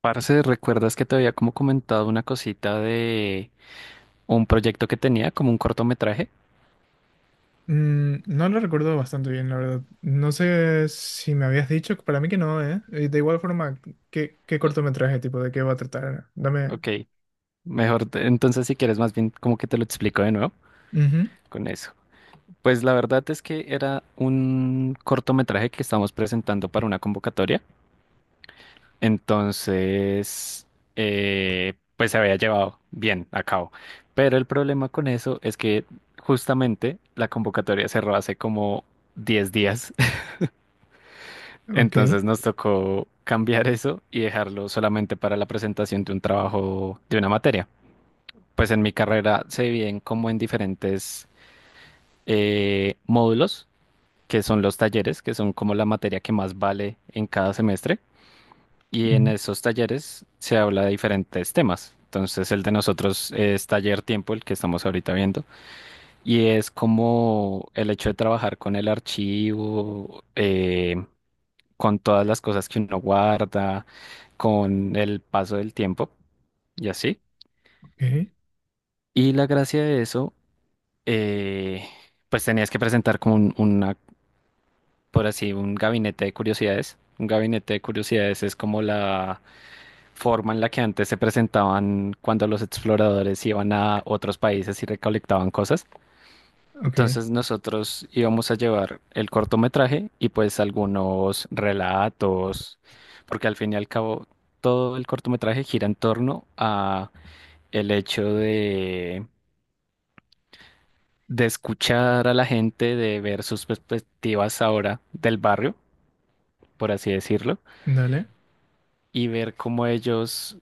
Parce, ¿recuerdas que te había como comentado una cosita de un proyecto que tenía, como un cortometraje? Mm, no lo recuerdo bastante bien, la verdad. No sé si me habías dicho, para mí que no, ¿eh? De igual forma, ¿qué Ah, cortometraje, tipo, de qué va a tratar? Dame. Ok, mejor, entonces si quieres más bien como que te lo explico de nuevo Ujú. con eso. Pues la verdad es que era un cortometraje que estábamos presentando para una convocatoria, entonces pues se había llevado bien a cabo. Pero el problema con eso es que justamente la convocatoria cerró hace como 10 días. Ok. Entonces nos tocó cambiar eso y dejarlo solamente para la presentación de un trabajo, de una materia. Pues en mi carrera se dividen como en diferentes módulos, que son los talleres, que son como la materia que más vale en cada semestre. Y en Ujú. esos talleres se habla de diferentes temas. Entonces el de nosotros es taller tiempo, el que estamos ahorita viendo, y es como el hecho de trabajar con el archivo, con todas las cosas que uno guarda, con el paso del tiempo y así. Ok. Y la gracia de eso, eh, pues tenías que presentar como una, por así, un gabinete de curiosidades. Un gabinete de curiosidades es como la forma en la que antes se presentaban cuando los exploradores iban a otros países y recolectaban cosas. Ok. Entonces nosotros íbamos a llevar el cortometraje y pues algunos relatos, porque al fin y al cabo todo el cortometraje gira en torno a el hecho de escuchar a la gente, de ver sus perspectivas ahora del barrio, por así decirlo, Dale. y ver cómo ellos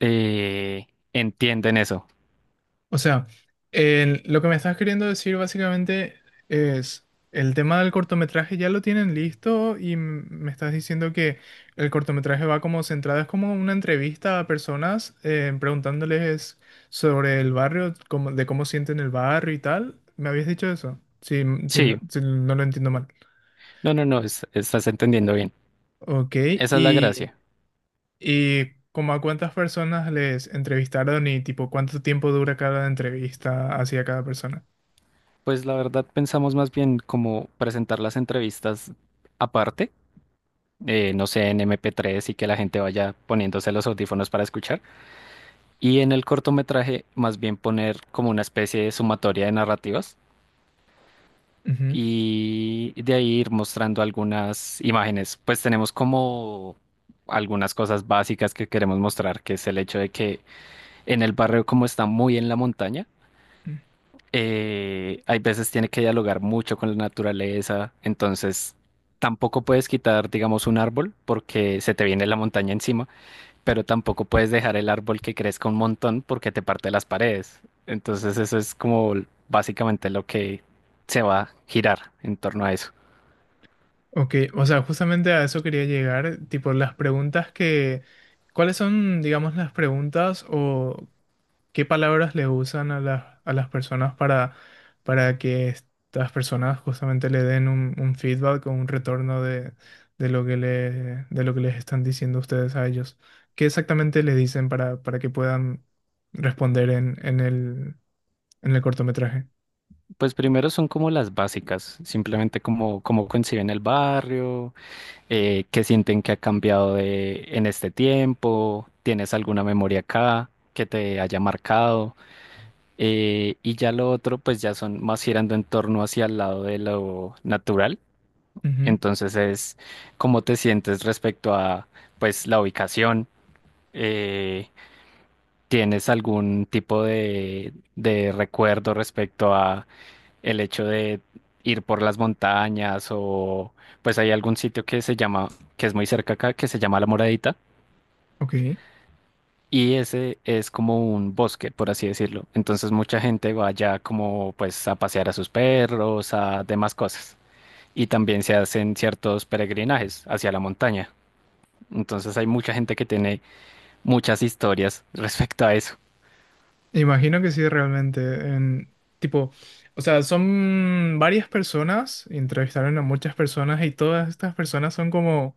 eh, entienden eso. O sea, lo que me estás queriendo decir básicamente es: el tema del cortometraje ya lo tienen listo y me estás diciendo que el cortometraje va como centrado, es como una entrevista a personas, preguntándoles sobre el barrio, de cómo sienten el barrio y tal. ¿Me habías dicho eso? Si, si no Sí, si no lo entiendo mal. no, no, no, es- estás entendiendo bien. Ok, Esa es la y, gracia. y como a cuántas personas les entrevistaron y tipo cuánto tiempo dura cada entrevista hacia cada persona. Pues la verdad pensamos más bien como presentar las entrevistas aparte, no sé, en MP3 y que la gente vaya poniéndose los audífonos para escuchar. Y en el cortometraje más bien poner como una especie de sumatoria de narrativas y de ahí ir mostrando algunas imágenes. Pues tenemos como algunas cosas básicas que queremos mostrar, que es el hecho de que en el barrio como está muy en la montaña, Ujú. Hay veces tiene que dialogar mucho con la naturaleza, entonces tampoco puedes quitar, digamos, un árbol porque se te viene la montaña encima, pero tampoco puedes dejar el árbol que crezca un montón porque te parte las paredes. Entonces eso es como básicamente lo que se va a girar en torno a eso. Ok, o sea, justamente a eso quería llegar, tipo las preguntas ¿cuáles son, digamos, las preguntas o qué palabras le usan a a las personas para que estas personas justamente le den un feedback o un retorno de, de lo que les están diciendo ustedes a ellos? ¿Qué exactamente le dicen para que puedan responder en el cortometraje? Pues primero son como las básicas, simplemente como cómo conciben el barrio, qué sienten que ha cambiado en este tiempo, tienes alguna memoria acá que te haya marcado, y ya lo otro, pues ya son más girando en torno hacia el lado de lo natural, Ujú. entonces es cómo te sientes respecto a, pues, la ubicación, eh, tienes algún tipo de recuerdo respecto a el hecho de ir por las montañas o pues hay algún sitio que se llama, que es muy cerca acá, que se llama La Moradita. Ok. Y ese es como un bosque, por así decirlo. Entonces mucha gente va allá como pues a pasear a sus perros, a demás cosas. Y también se hacen ciertos peregrinajes hacia la montaña. Entonces hay mucha gente que tiene muchas historias respecto a eso. Imagino que sí, realmente. En, tipo, o sea, son varias personas, entrevistaron a muchas personas y todas estas personas son como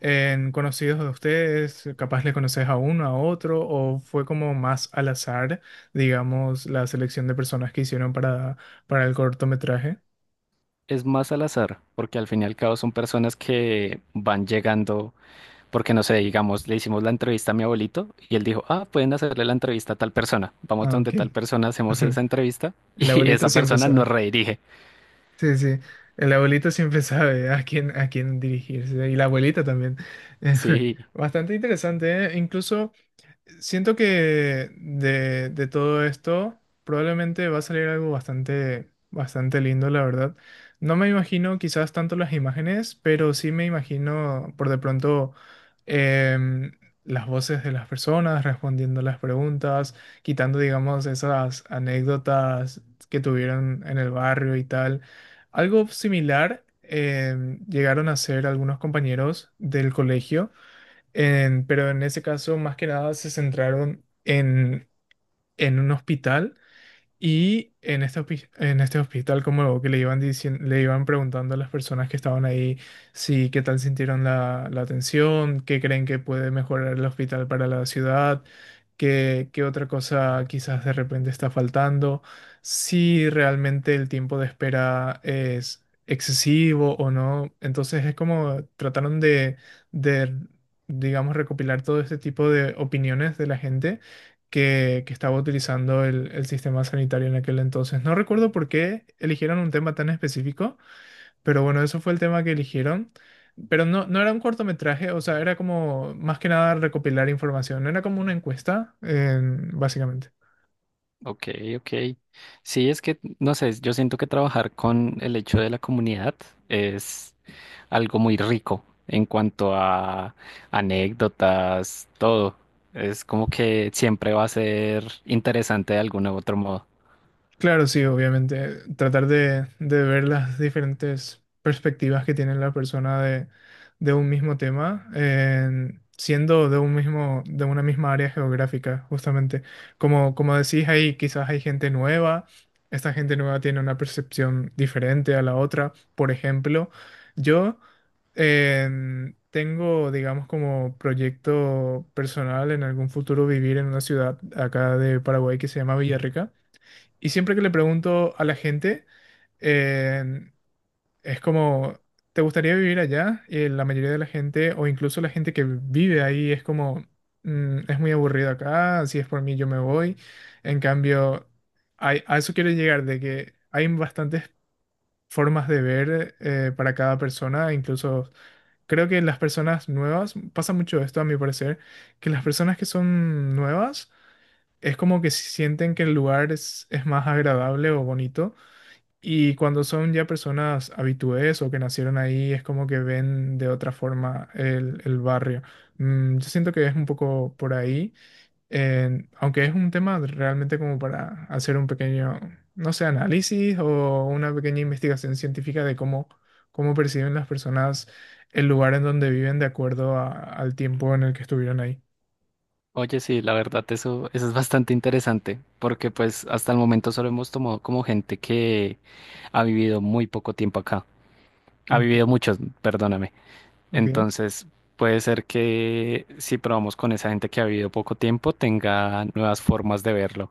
en conocidos de ustedes, capaz le conoces a uno, a otro, o fue como más al azar, digamos, la selección de personas que hicieron para el cortometraje. Es más al azar, porque al fin y al cabo son personas que van llegando, porque no sé, digamos, le hicimos la entrevista a mi abuelito y él dijo, ah, pueden hacerle la entrevista a tal persona. Vamos Ah, ok. donde tal persona, hacemos esa entrevista El y abuelito esa siempre persona nos sabe. redirige. Sí, sí. El abuelito siempre sabe a quién dirigirse. Y la abuelita también. Sí. Bastante interesante, ¿eh? Incluso, siento que de todo esto probablemente va a salir algo bastante, bastante lindo, la verdad. No me imagino quizás tanto las imágenes, pero sí me imagino por de pronto em, las voces de las personas respondiendo las preguntas, quitando, digamos, esas anécdotas que tuvieron en el barrio y tal. Algo similar llegaron a hacer algunos compañeros del colegio pero en ese caso, más que nada, se centraron en un hospital. Y en este, en este hospital, como lo que le iban diciendo, le iban preguntando a las personas que estaban ahí si qué tal sintieron la atención, qué creen que puede mejorar el hospital para la ciudad, qué otra cosa quizás de repente está faltando, si realmente el tiempo de espera es excesivo o no. Entonces es como trataron de digamos, recopilar todo este tipo de opiniones de la gente que estaba utilizando el sistema sanitario en aquel entonces. No recuerdo por qué eligieron un tema tan específico, pero bueno, eso fue el tema que eligieron. Pero no, no era un cortometraje, o sea, era como más que nada recopilar información, era como una encuesta, básicamente. Ok, ok. Sí, es que, no sé, yo siento que trabajar con el hecho de la comunidad es algo muy rico en cuanto a anécdotas, todo. Es como que siempre va a ser interesante de algún u otro modo. Claro, sí, obviamente. Tratar de ver las diferentes perspectivas que tiene la persona de un mismo tema, siendo de un mismo, de una misma área geográfica, justamente. Como, como decís ahí, quizás hay gente nueva, esta gente nueva tiene una percepción diferente a la otra. Por ejemplo, yo tengo, digamos, como proyecto personal en algún futuro vivir en una ciudad acá de Paraguay que se llama Villarrica. Y siempre que le pregunto a la gente, eh, es como, ¿te gustaría vivir allá? Y la mayoría de la gente, o incluso la gente que vive ahí, es como, "Mm, es muy aburrido acá, si es por mí yo me voy". En cambio, a eso quiero llegar, de que hay bastantes formas de ver, para cada persona. Incluso creo que las personas nuevas, pasa mucho esto a mi parecer, que las personas que son nuevas es como que sienten que el lugar es más agradable o bonito, y cuando son ya personas habitués o que nacieron ahí, es como que ven de otra forma el barrio. Mm, yo siento que es un poco por ahí, aunque es un tema realmente como para hacer un pequeño, no sé, análisis o una pequeña investigación científica de cómo, cómo perciben las personas el lugar en donde viven de acuerdo al tiempo en el que estuvieron ahí. Oye, sí, la verdad, eso es bastante interesante, porque pues hasta el momento solo hemos tomado como gente que ha vivido muy poco tiempo acá. Ha Ok, vivido muchos, perdóname. ok. Entonces, puede ser que si probamos con esa gente que ha vivido poco tiempo, tenga nuevas formas de verlo.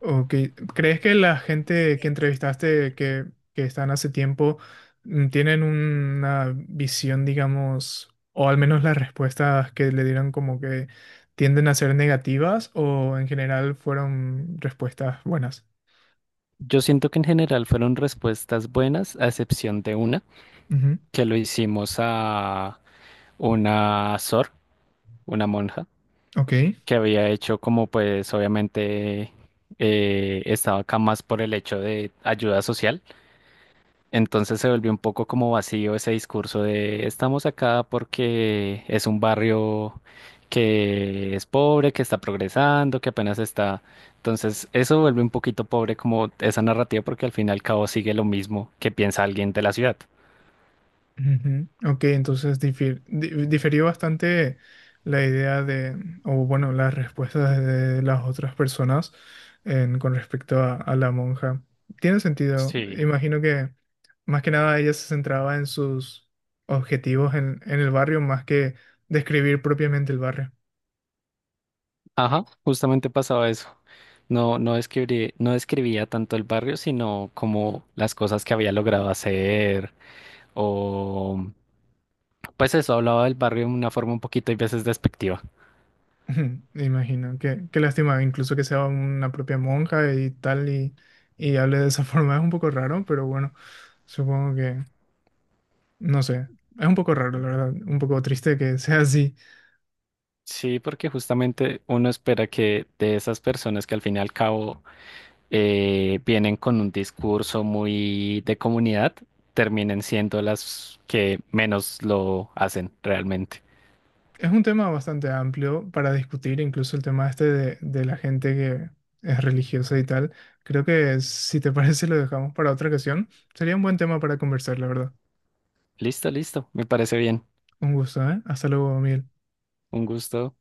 Ok, ¿crees que la gente que entrevistaste que están hace tiempo mm, tienen una visión, digamos, o al menos las respuestas que le dieron como que tienden a ser negativas o en general fueron respuestas buenas? Yo siento que en general fueron respuestas buenas, a excepción de una, Ujú. que lo hicimos a una sor, una monja, Ok. que había hecho como pues obviamente estaba acá más por el hecho de ayuda social. Entonces se volvió un poco como vacío ese discurso de estamos acá porque es un barrio que es pobre, que está progresando, que apenas está. Entonces eso vuelve un poquito pobre como esa narrativa porque al fin y al cabo sigue lo mismo que piensa alguien de la ciudad. Ujú. Ok, entonces diferió bastante la idea de, o bueno, las respuestas de las otras personas con respecto a la monja. Tiene sentido. Sí, Imagino que más que nada ella se centraba en sus objetivos en el barrio más que describir propiamente el barrio. ajá, justamente pasaba eso. No describía tanto el barrio, sino como las cosas que había logrado hacer o pues eso, hablaba del barrio de una forma un poquito y veces despectiva. Ujú, imagino. Qué lástima, incluso que sea una propia monja y tal y hable de esa forma. Es un poco raro, pero bueno, supongo que... No sé, es un poco raro, la verdad, un poco triste que sea así. Sí, porque justamente uno espera que de esas personas que al fin y al cabo vienen con un discurso muy de comunidad, terminen siendo las que menos lo hacen realmente. Es un tema bastante amplio para discutir, incluso el tema este de la gente que es religiosa y tal. Creo que si te parece lo dejamos para otra ocasión. Sería un buen tema para conversar, la verdad. Listo, listo, me parece bien. Un gusto, ¿eh? Hasta luego, Miguel. Un gusto.